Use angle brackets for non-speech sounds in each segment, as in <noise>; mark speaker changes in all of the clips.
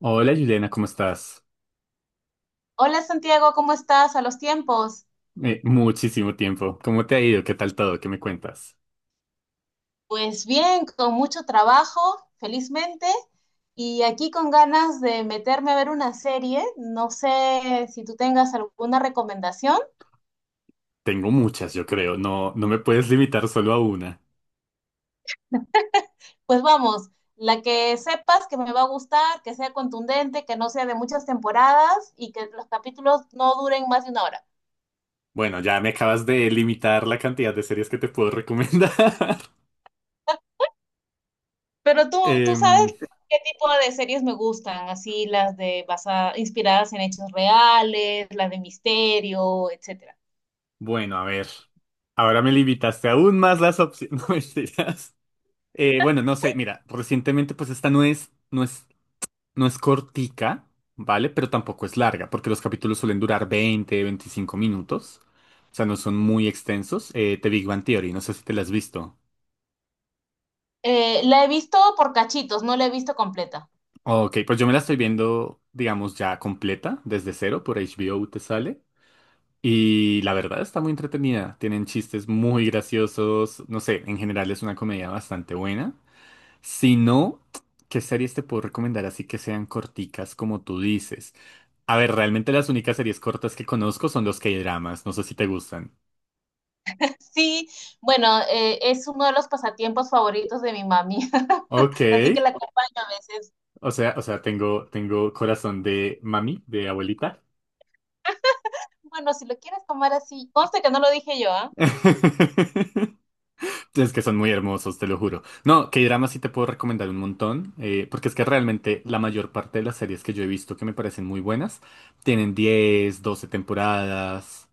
Speaker 1: Hola Juliana, ¿cómo estás?
Speaker 2: Hola Santiago, ¿cómo estás a los tiempos?
Speaker 1: Muchísimo tiempo. ¿Cómo te ha ido? ¿Qué tal todo? ¿Qué me cuentas?
Speaker 2: Pues bien, con mucho trabajo, felizmente, y aquí con ganas de meterme a ver una serie. No sé si tú tengas alguna recomendación.
Speaker 1: Tengo muchas, yo creo. No, no me puedes limitar solo a una.
Speaker 2: Pues vamos, la que sepas que me va a gustar, que sea contundente, que no sea de muchas temporadas y que los capítulos no duren más de una hora.
Speaker 1: Bueno, ya me acabas de limitar la cantidad de series que te puedo recomendar. <laughs>
Speaker 2: Pero tú
Speaker 1: Em,
Speaker 2: sabes qué tipo de series me gustan, así las de inspiradas en hechos reales, las de misterio, etcétera.
Speaker 1: bueno, a ver. Ahora me limitaste aún más las opciones. <laughs> No mentiras. Bueno, no sé, mira, recientemente pues esta no es cortica, ¿vale? Pero tampoco es larga, porque los capítulos suelen durar 20, 25 minutos. O sea, no son muy extensos. The Big Bang Theory, no sé si te la has visto.
Speaker 2: La he visto por cachitos, no la he visto completa.
Speaker 1: Ok, pues yo me la estoy viendo, digamos, ya completa, desde cero, por HBO te sale. Y la verdad está muy entretenida. Tienen chistes muy graciosos. No sé, en general es una comedia bastante buena. Si no, ¿qué series te puedo recomendar así que sean corticas como tú dices? A ver, realmente las únicas series cortas que conozco son los K-dramas. No sé si te gustan.
Speaker 2: <laughs> Sí, bueno, es uno de los pasatiempos favoritos de mi mami,
Speaker 1: Ok.
Speaker 2: <laughs> así que la acompaño a veces.
Speaker 1: O sea, tengo corazón de mami, de abuelita.
Speaker 2: Bueno, si lo quieres tomar así, conste que no lo dije yo, ¿ah?
Speaker 1: <laughs> Es que son muy hermosos, te lo juro. No, K-dramas sí te puedo recomendar un montón, porque es que realmente la mayor parte de las series que yo he visto que me parecen muy buenas tienen 10 12 temporadas.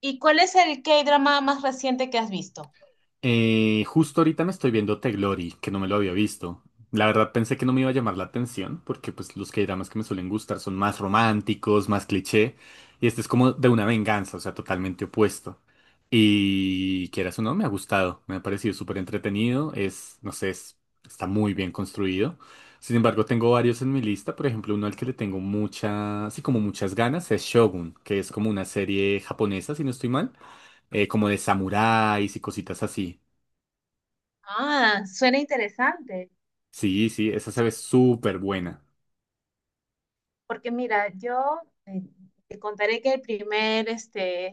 Speaker 2: ¿Y cuál es el K-drama más reciente que has visto?
Speaker 1: Justo ahorita me estoy viendo The Glory, que no me lo había visto. La verdad pensé que no me iba a llamar la atención, porque pues los K-dramas que me suelen gustar son más románticos, más cliché, y este es como de una venganza, o sea, totalmente opuesto. Y quieras o no, me ha gustado, me ha parecido súper entretenido, no sé, está muy bien construido. Sin embargo, tengo varios en mi lista, por ejemplo, uno al que le tengo mucha, así como muchas ganas, es Shogun, que es como una serie japonesa, si no estoy mal, como de samuráis y cositas así.
Speaker 2: Ah, suena interesante.
Speaker 1: Sí, sí, esa se ve súper buena.
Speaker 2: Porque mira, yo eh, te contaré que el primer, este,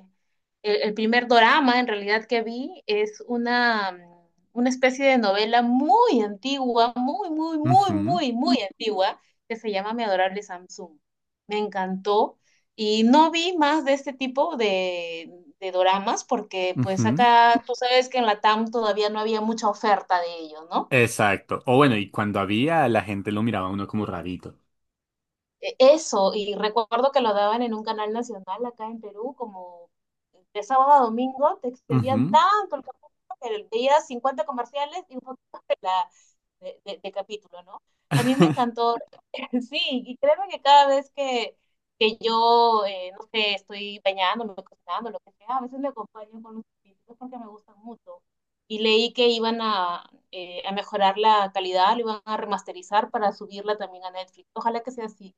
Speaker 2: el, el primer dorama en realidad que vi es una especie de novela muy antigua, muy, muy, muy,
Speaker 1: Ujú,
Speaker 2: muy, muy antigua, que se llama Mi adorable Samsung. Me encantó y no vi más de este tipo de doramas porque pues
Speaker 1: ujú.
Speaker 2: acá tú sabes que en Latam todavía no había mucha oferta de ellos, ¿no?
Speaker 1: Exacto. O bueno, y cuando había, la gente lo miraba a uno como rarito.
Speaker 2: Eso, y recuerdo que lo daban en un canal nacional acá en Perú, como de sábado a domingo, te extendían
Speaker 1: Ujú.
Speaker 2: tanto el capítulo que veías 50 comerciales y un poquito de, la- de capítulo, ¿no? A mí me
Speaker 1: <laughs>
Speaker 2: encantó, <laughs> sí, y créeme que cada vez que yo, no sé, estoy bañándome, cocinando, lo que sea, a veces me acompaño con los capítulos porque me gustan mucho. Y leí que iban a mejorar la calidad, lo iban a remasterizar para subirla también a Netflix. Ojalá que sea así.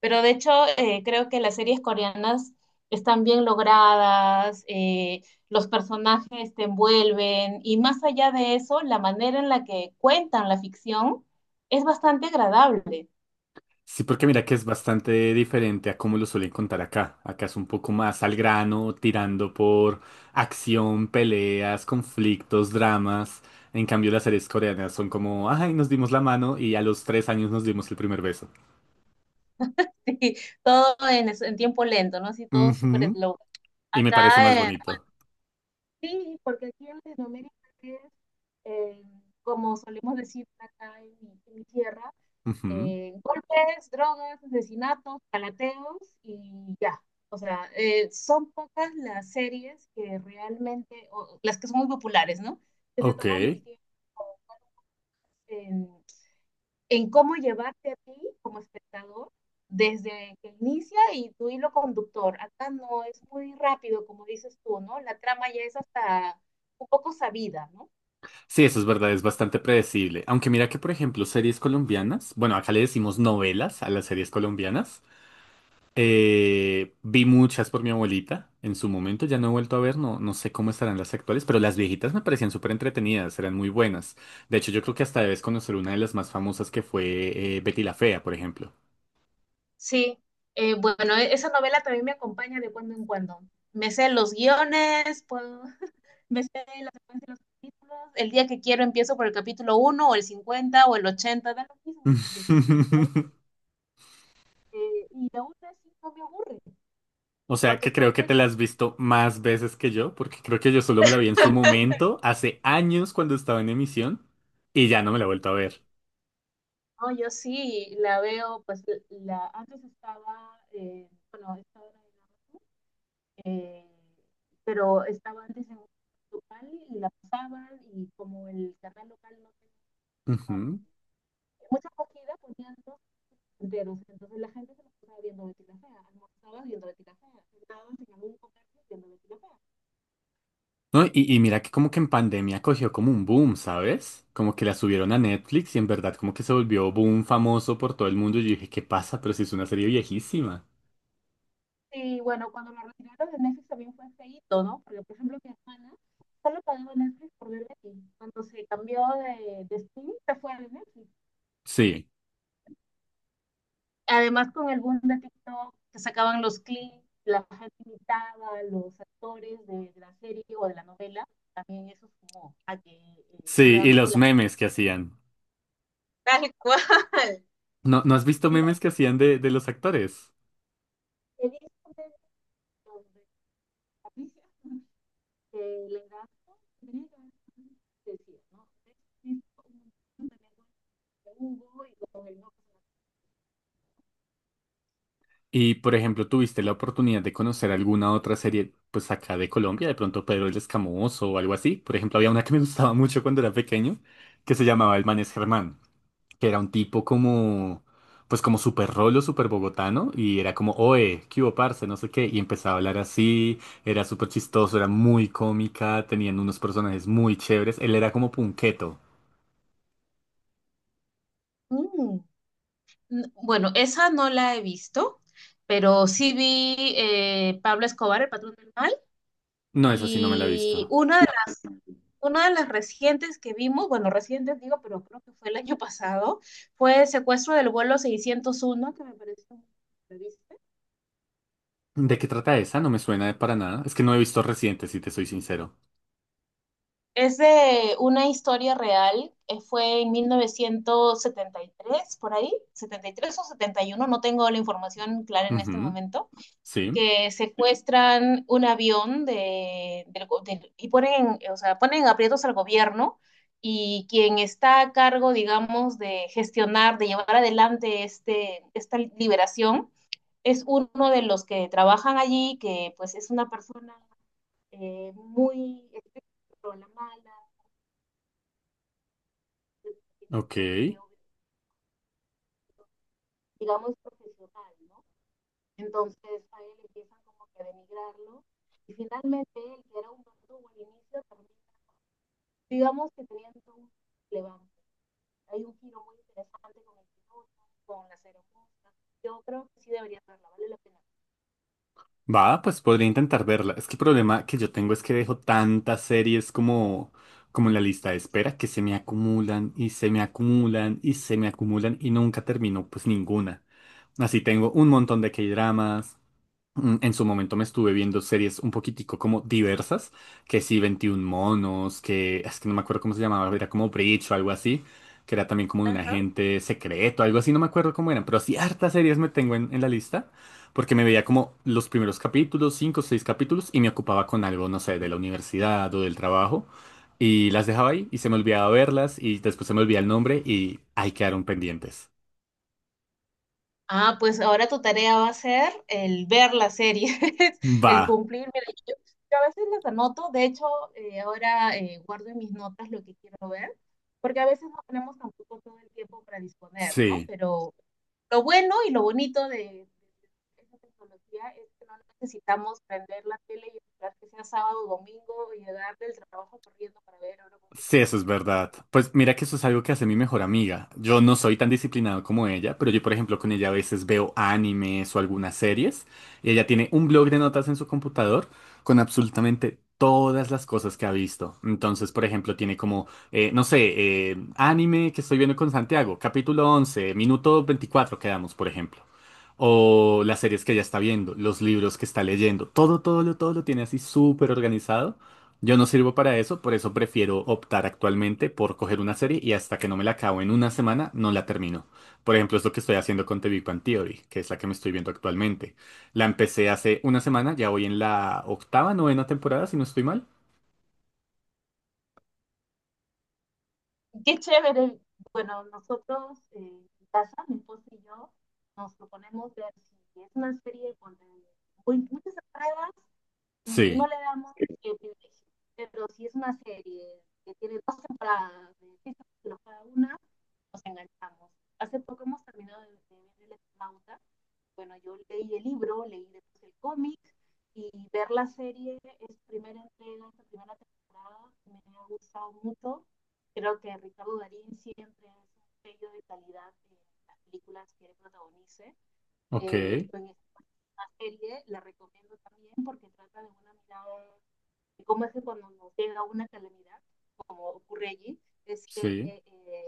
Speaker 2: Pero de hecho, creo que las series coreanas están bien logradas, los personajes te envuelven y más allá de eso, la manera en la que cuentan la ficción es bastante agradable.
Speaker 1: Sí, porque mira que es bastante diferente a cómo lo suelen contar acá. Acá es un poco más al grano, tirando por acción, peleas, conflictos, dramas. En cambio, las series coreanas son como, ay, nos dimos la mano y a los 3 años nos dimos el primer beso.
Speaker 2: <laughs> Sí, todo en tiempo lento, ¿no? Sí, todo súper
Speaker 1: Ujú.
Speaker 2: slow.
Speaker 1: Y me
Speaker 2: Acá,
Speaker 1: parece más
Speaker 2: eh,
Speaker 1: bonito.
Speaker 2: sí, porque aquí en Latinoamérica es, eh, como solemos decir acá en mi tierra,
Speaker 1: Ujú.
Speaker 2: golpes, drogas, asesinatos, calateos y ya. O sea, son pocas las series que realmente, o las que son muy populares, ¿no? Que se
Speaker 1: Ok.
Speaker 2: toman el tiempo en, en cómo llevarte a ti como espectador desde que inicia y tu hilo conductor. Acá no es muy rápido, como dices tú, ¿no? La trama ya es hasta un poco sabida, ¿no?
Speaker 1: Sí, eso es verdad, es bastante predecible. Aunque mira que, por ejemplo, series colombianas, bueno, acá le decimos novelas a las series colombianas. Vi muchas por mi abuelita en su momento, ya no he vuelto a ver, no, no sé cómo estarán las actuales, pero las viejitas me parecían súper entretenidas, eran muy buenas. De hecho, yo creo que hasta debes conocer una de las más famosas que fue Betty la Fea, por ejemplo.
Speaker 2: Sí, bueno, esa novela también me acompaña de cuando en cuando. Me sé los guiones, <laughs> me sé la secuencia de los capítulos. El día que quiero empiezo por el capítulo uno o el 50 o el 80 da lo mismo, porque como ya está,
Speaker 1: <laughs>
Speaker 2: y aún así no me aburre,
Speaker 1: O sea,
Speaker 2: porque
Speaker 1: que
Speaker 2: está
Speaker 1: creo que
Speaker 2: bien.
Speaker 1: te la has visto más veces que yo, porque creo que yo solo me la vi en su momento, hace años cuando estaba en emisión, y ya no me la he vuelto a ver.
Speaker 2: No, yo sí la veo, pues la antes estaba, bueno, está ahora en Amazon, eh, pero estaba antes en un local y la pasaban y como el canal local no tenía ah,
Speaker 1: Ujú.
Speaker 2: muchas cogidas poniendo dedos. Entonces la gente se nos estaba viendo Betty la Fea, almorzabas viendo Betty la Fea, sentabas en algún comercio viendo Betty la Fea.
Speaker 1: No, y mira que como que en pandemia cogió como un boom, ¿sabes? Como que la subieron a Netflix y en verdad como que se volvió boom famoso por todo el mundo. Y yo dije, ¿qué pasa? Pero si es una serie viejísima.
Speaker 2: Y bueno, cuando lo retiraron de Netflix también fue feíto, ¿no? Porque, por ejemplo, mi hermana solo pagaba Netflix por ver Betty. Cuando se cambió de streaming, se fue a Netflix.
Speaker 1: Sí,
Speaker 2: Además, con el boom de TikTok, que sacaban los clips, la gente imitaba, a los actores de la serie o de la novela, también eso sumó a que
Speaker 1: sí, y
Speaker 2: nuevamente
Speaker 1: los
Speaker 2: la gente.
Speaker 1: memes que hacían.
Speaker 2: Tal cual.
Speaker 1: ¿No, no has visto
Speaker 2: Mira,
Speaker 1: memes que hacían de los actores?
Speaker 2: he visto médicos de familia que le dan, "Oh, tenía que haber tomado", decía, ¿no?
Speaker 1: Y por ejemplo, ¿tuviste la oportunidad de conocer alguna otra serie, pues acá de Colombia, de pronto Pedro el Escamoso o algo así? Por ejemplo, había una que me gustaba mucho cuando era pequeño, que se llamaba El Man es Germán. Que era un tipo como, pues como súper rolo, súper bogotano, y era como, oe, qué hubo, parce, no sé qué, y empezaba a hablar así, era súper chistoso, era muy cómica, tenían unos personajes muy chéveres, él era como punqueto.
Speaker 2: Mm. Bueno, esa no la he visto, pero sí vi Pablo Escobar, El Patrón del Mal,
Speaker 1: No, es así no me la he
Speaker 2: y
Speaker 1: visto.
Speaker 2: una de las recientes que vimos, bueno, recientes digo, pero creo que fue el año pasado, fue el secuestro del vuelo 601, que me pareció muy interesante.
Speaker 1: ¿De qué trata esa? No me suena de para nada. Es que no he visto reciente, si te soy sincero.
Speaker 2: Es de una historia real, fue en 1973 por ahí, 73 o 71. No tengo la información clara en este
Speaker 1: Ujú,
Speaker 2: momento,
Speaker 1: sí,
Speaker 2: que secuestran un avión de, del go- del- y ponen, o sea, ponen aprietos al gobierno y quien está a cargo, digamos, de gestionar, de llevar adelante esta liberación, es uno de los que trabajan allí, que pues es una persona muy con la mala y
Speaker 1: ok.
Speaker 2: que, digamos, profesional, ¿no? Entonces a él empiezan como que a denigrarlo y finalmente él, que era un verdugo al inicio, termina, digamos que teniendo un levante. Hay un giro muy interesante con el piloto, con la ceremonia. Yo creo que sí debería verla, vale la pena.
Speaker 1: Va, pues podría intentar verla. Es que el problema que yo tengo es que dejo tantas series como en la lista de espera que se me acumulan y se me acumulan y se me acumulan y nunca termino pues ninguna. Así tengo un montón de K-dramas, en su momento me estuve viendo series un poquitico como diversas, que sí, 21 monos, que es que no me acuerdo cómo se llamaba, era como Breach o algo así, que era también como de un
Speaker 2: Ajá.
Speaker 1: agente secreto, algo así, no me acuerdo cómo eran, pero sí, hartas series me tengo en la lista, porque me veía como los primeros capítulos, cinco o seis capítulos, y me ocupaba con algo, no sé, de la universidad o del trabajo, y las dejaba ahí y se me olvidaba verlas, y después se me olvidaba el nombre y ahí quedaron pendientes.
Speaker 2: Ah, pues ahora tu tarea va a ser el ver las series, <laughs>
Speaker 1: Va,
Speaker 2: el cumplir. Mira, yo a veces las anoto, de hecho, ahora guardo en mis notas lo que quiero ver, porque a veces no tenemos tampoco todo el tiempo para disponer, ¿no?
Speaker 1: sí.
Speaker 2: Pero lo bueno y lo bonito de esa tecnología es que no necesitamos prender la tele y esperar que sea sábado o domingo y llegar del trabajo corriendo para ver ahora mismo
Speaker 1: Sí,
Speaker 2: en
Speaker 1: eso es
Speaker 2: cualquier momento.
Speaker 1: verdad. Pues mira que eso es algo que hace mi mejor amiga. Yo no soy tan disciplinado como ella, pero yo, por ejemplo, con ella a veces veo animes o algunas series. Y ella tiene un blog de notas en su computador con absolutamente todas las cosas que ha visto. Entonces, por ejemplo, tiene como, no sé, anime que estoy viendo con Santiago, capítulo 11 minuto 24 quedamos, por ejemplo. O las series que ella está viendo, los libros que está leyendo. Todo, todo, todo lo tiene así súper organizado. Yo no sirvo para eso, por eso prefiero optar actualmente por coger una serie y hasta que no me la acabo en una semana, no la termino. Por ejemplo, es lo que estoy haciendo con The Big Bang Theory, que es la que me estoy viendo actualmente. La empecé hace una semana, ya voy en la octava, novena temporada, si no estoy mal.
Speaker 2: Qué chévere. Bueno, nosotros en casa, mi esposo y yo, nos proponemos ver si es una serie con muchas entradas no
Speaker 1: Sí,
Speaker 2: le damos mucho privilegio, pero si es una serie que tiene dos temporadas de seis capítulos cada una, nos enganchamos. Hace poco hemos terminado de ver El Eternauta. Bueno, yo leí el libro, leí después el cómic y ver la serie, es primera entrega, esta primera temporada, me ha gustado mucho. Creo que Ricardo Darín siempre es un sello de calidad en las películas que él protagonice.
Speaker 1: ok,
Speaker 2: En una serie, la recomiendo también porque trata de una mirada, de cómo es que cuando nos llega una calamidad, como ocurre allí, es que
Speaker 1: sí.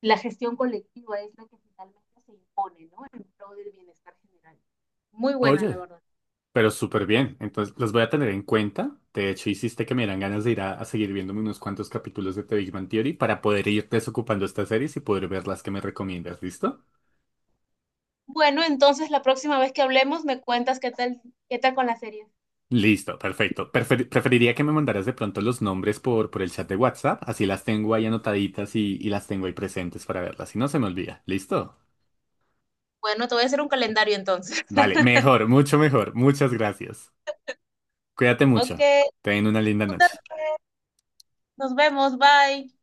Speaker 2: la gestión colectiva es la que finalmente se impone, ¿no? En pro del bienestar general. Muy buena, la
Speaker 1: Oye,
Speaker 2: verdad.
Speaker 1: pero súper bien. Entonces, los voy a tener en cuenta. De hecho, hiciste que me dieran ganas de ir a seguir viéndome unos cuantos capítulos de The Big Bang Theory para poder ir desocupando estas series y poder ver las que me recomiendas, ¿listo?
Speaker 2: Bueno, entonces la próxima vez que hablemos me cuentas qué tal con la serie.
Speaker 1: Listo, perfecto. Preferiría que me mandaras de pronto los nombres por el chat de WhatsApp, así las tengo ahí anotaditas y las tengo ahí presentes para verlas, si no se me olvida. ¿Listo?
Speaker 2: Bueno, te voy a hacer un calendario entonces.
Speaker 1: Vale,
Speaker 2: <laughs>
Speaker 1: mejor, mucho mejor. Muchas gracias. Cuídate
Speaker 2: Ok,
Speaker 1: mucho. Ten una linda
Speaker 2: tú
Speaker 1: noche.
Speaker 2: también. Nos vemos, bye.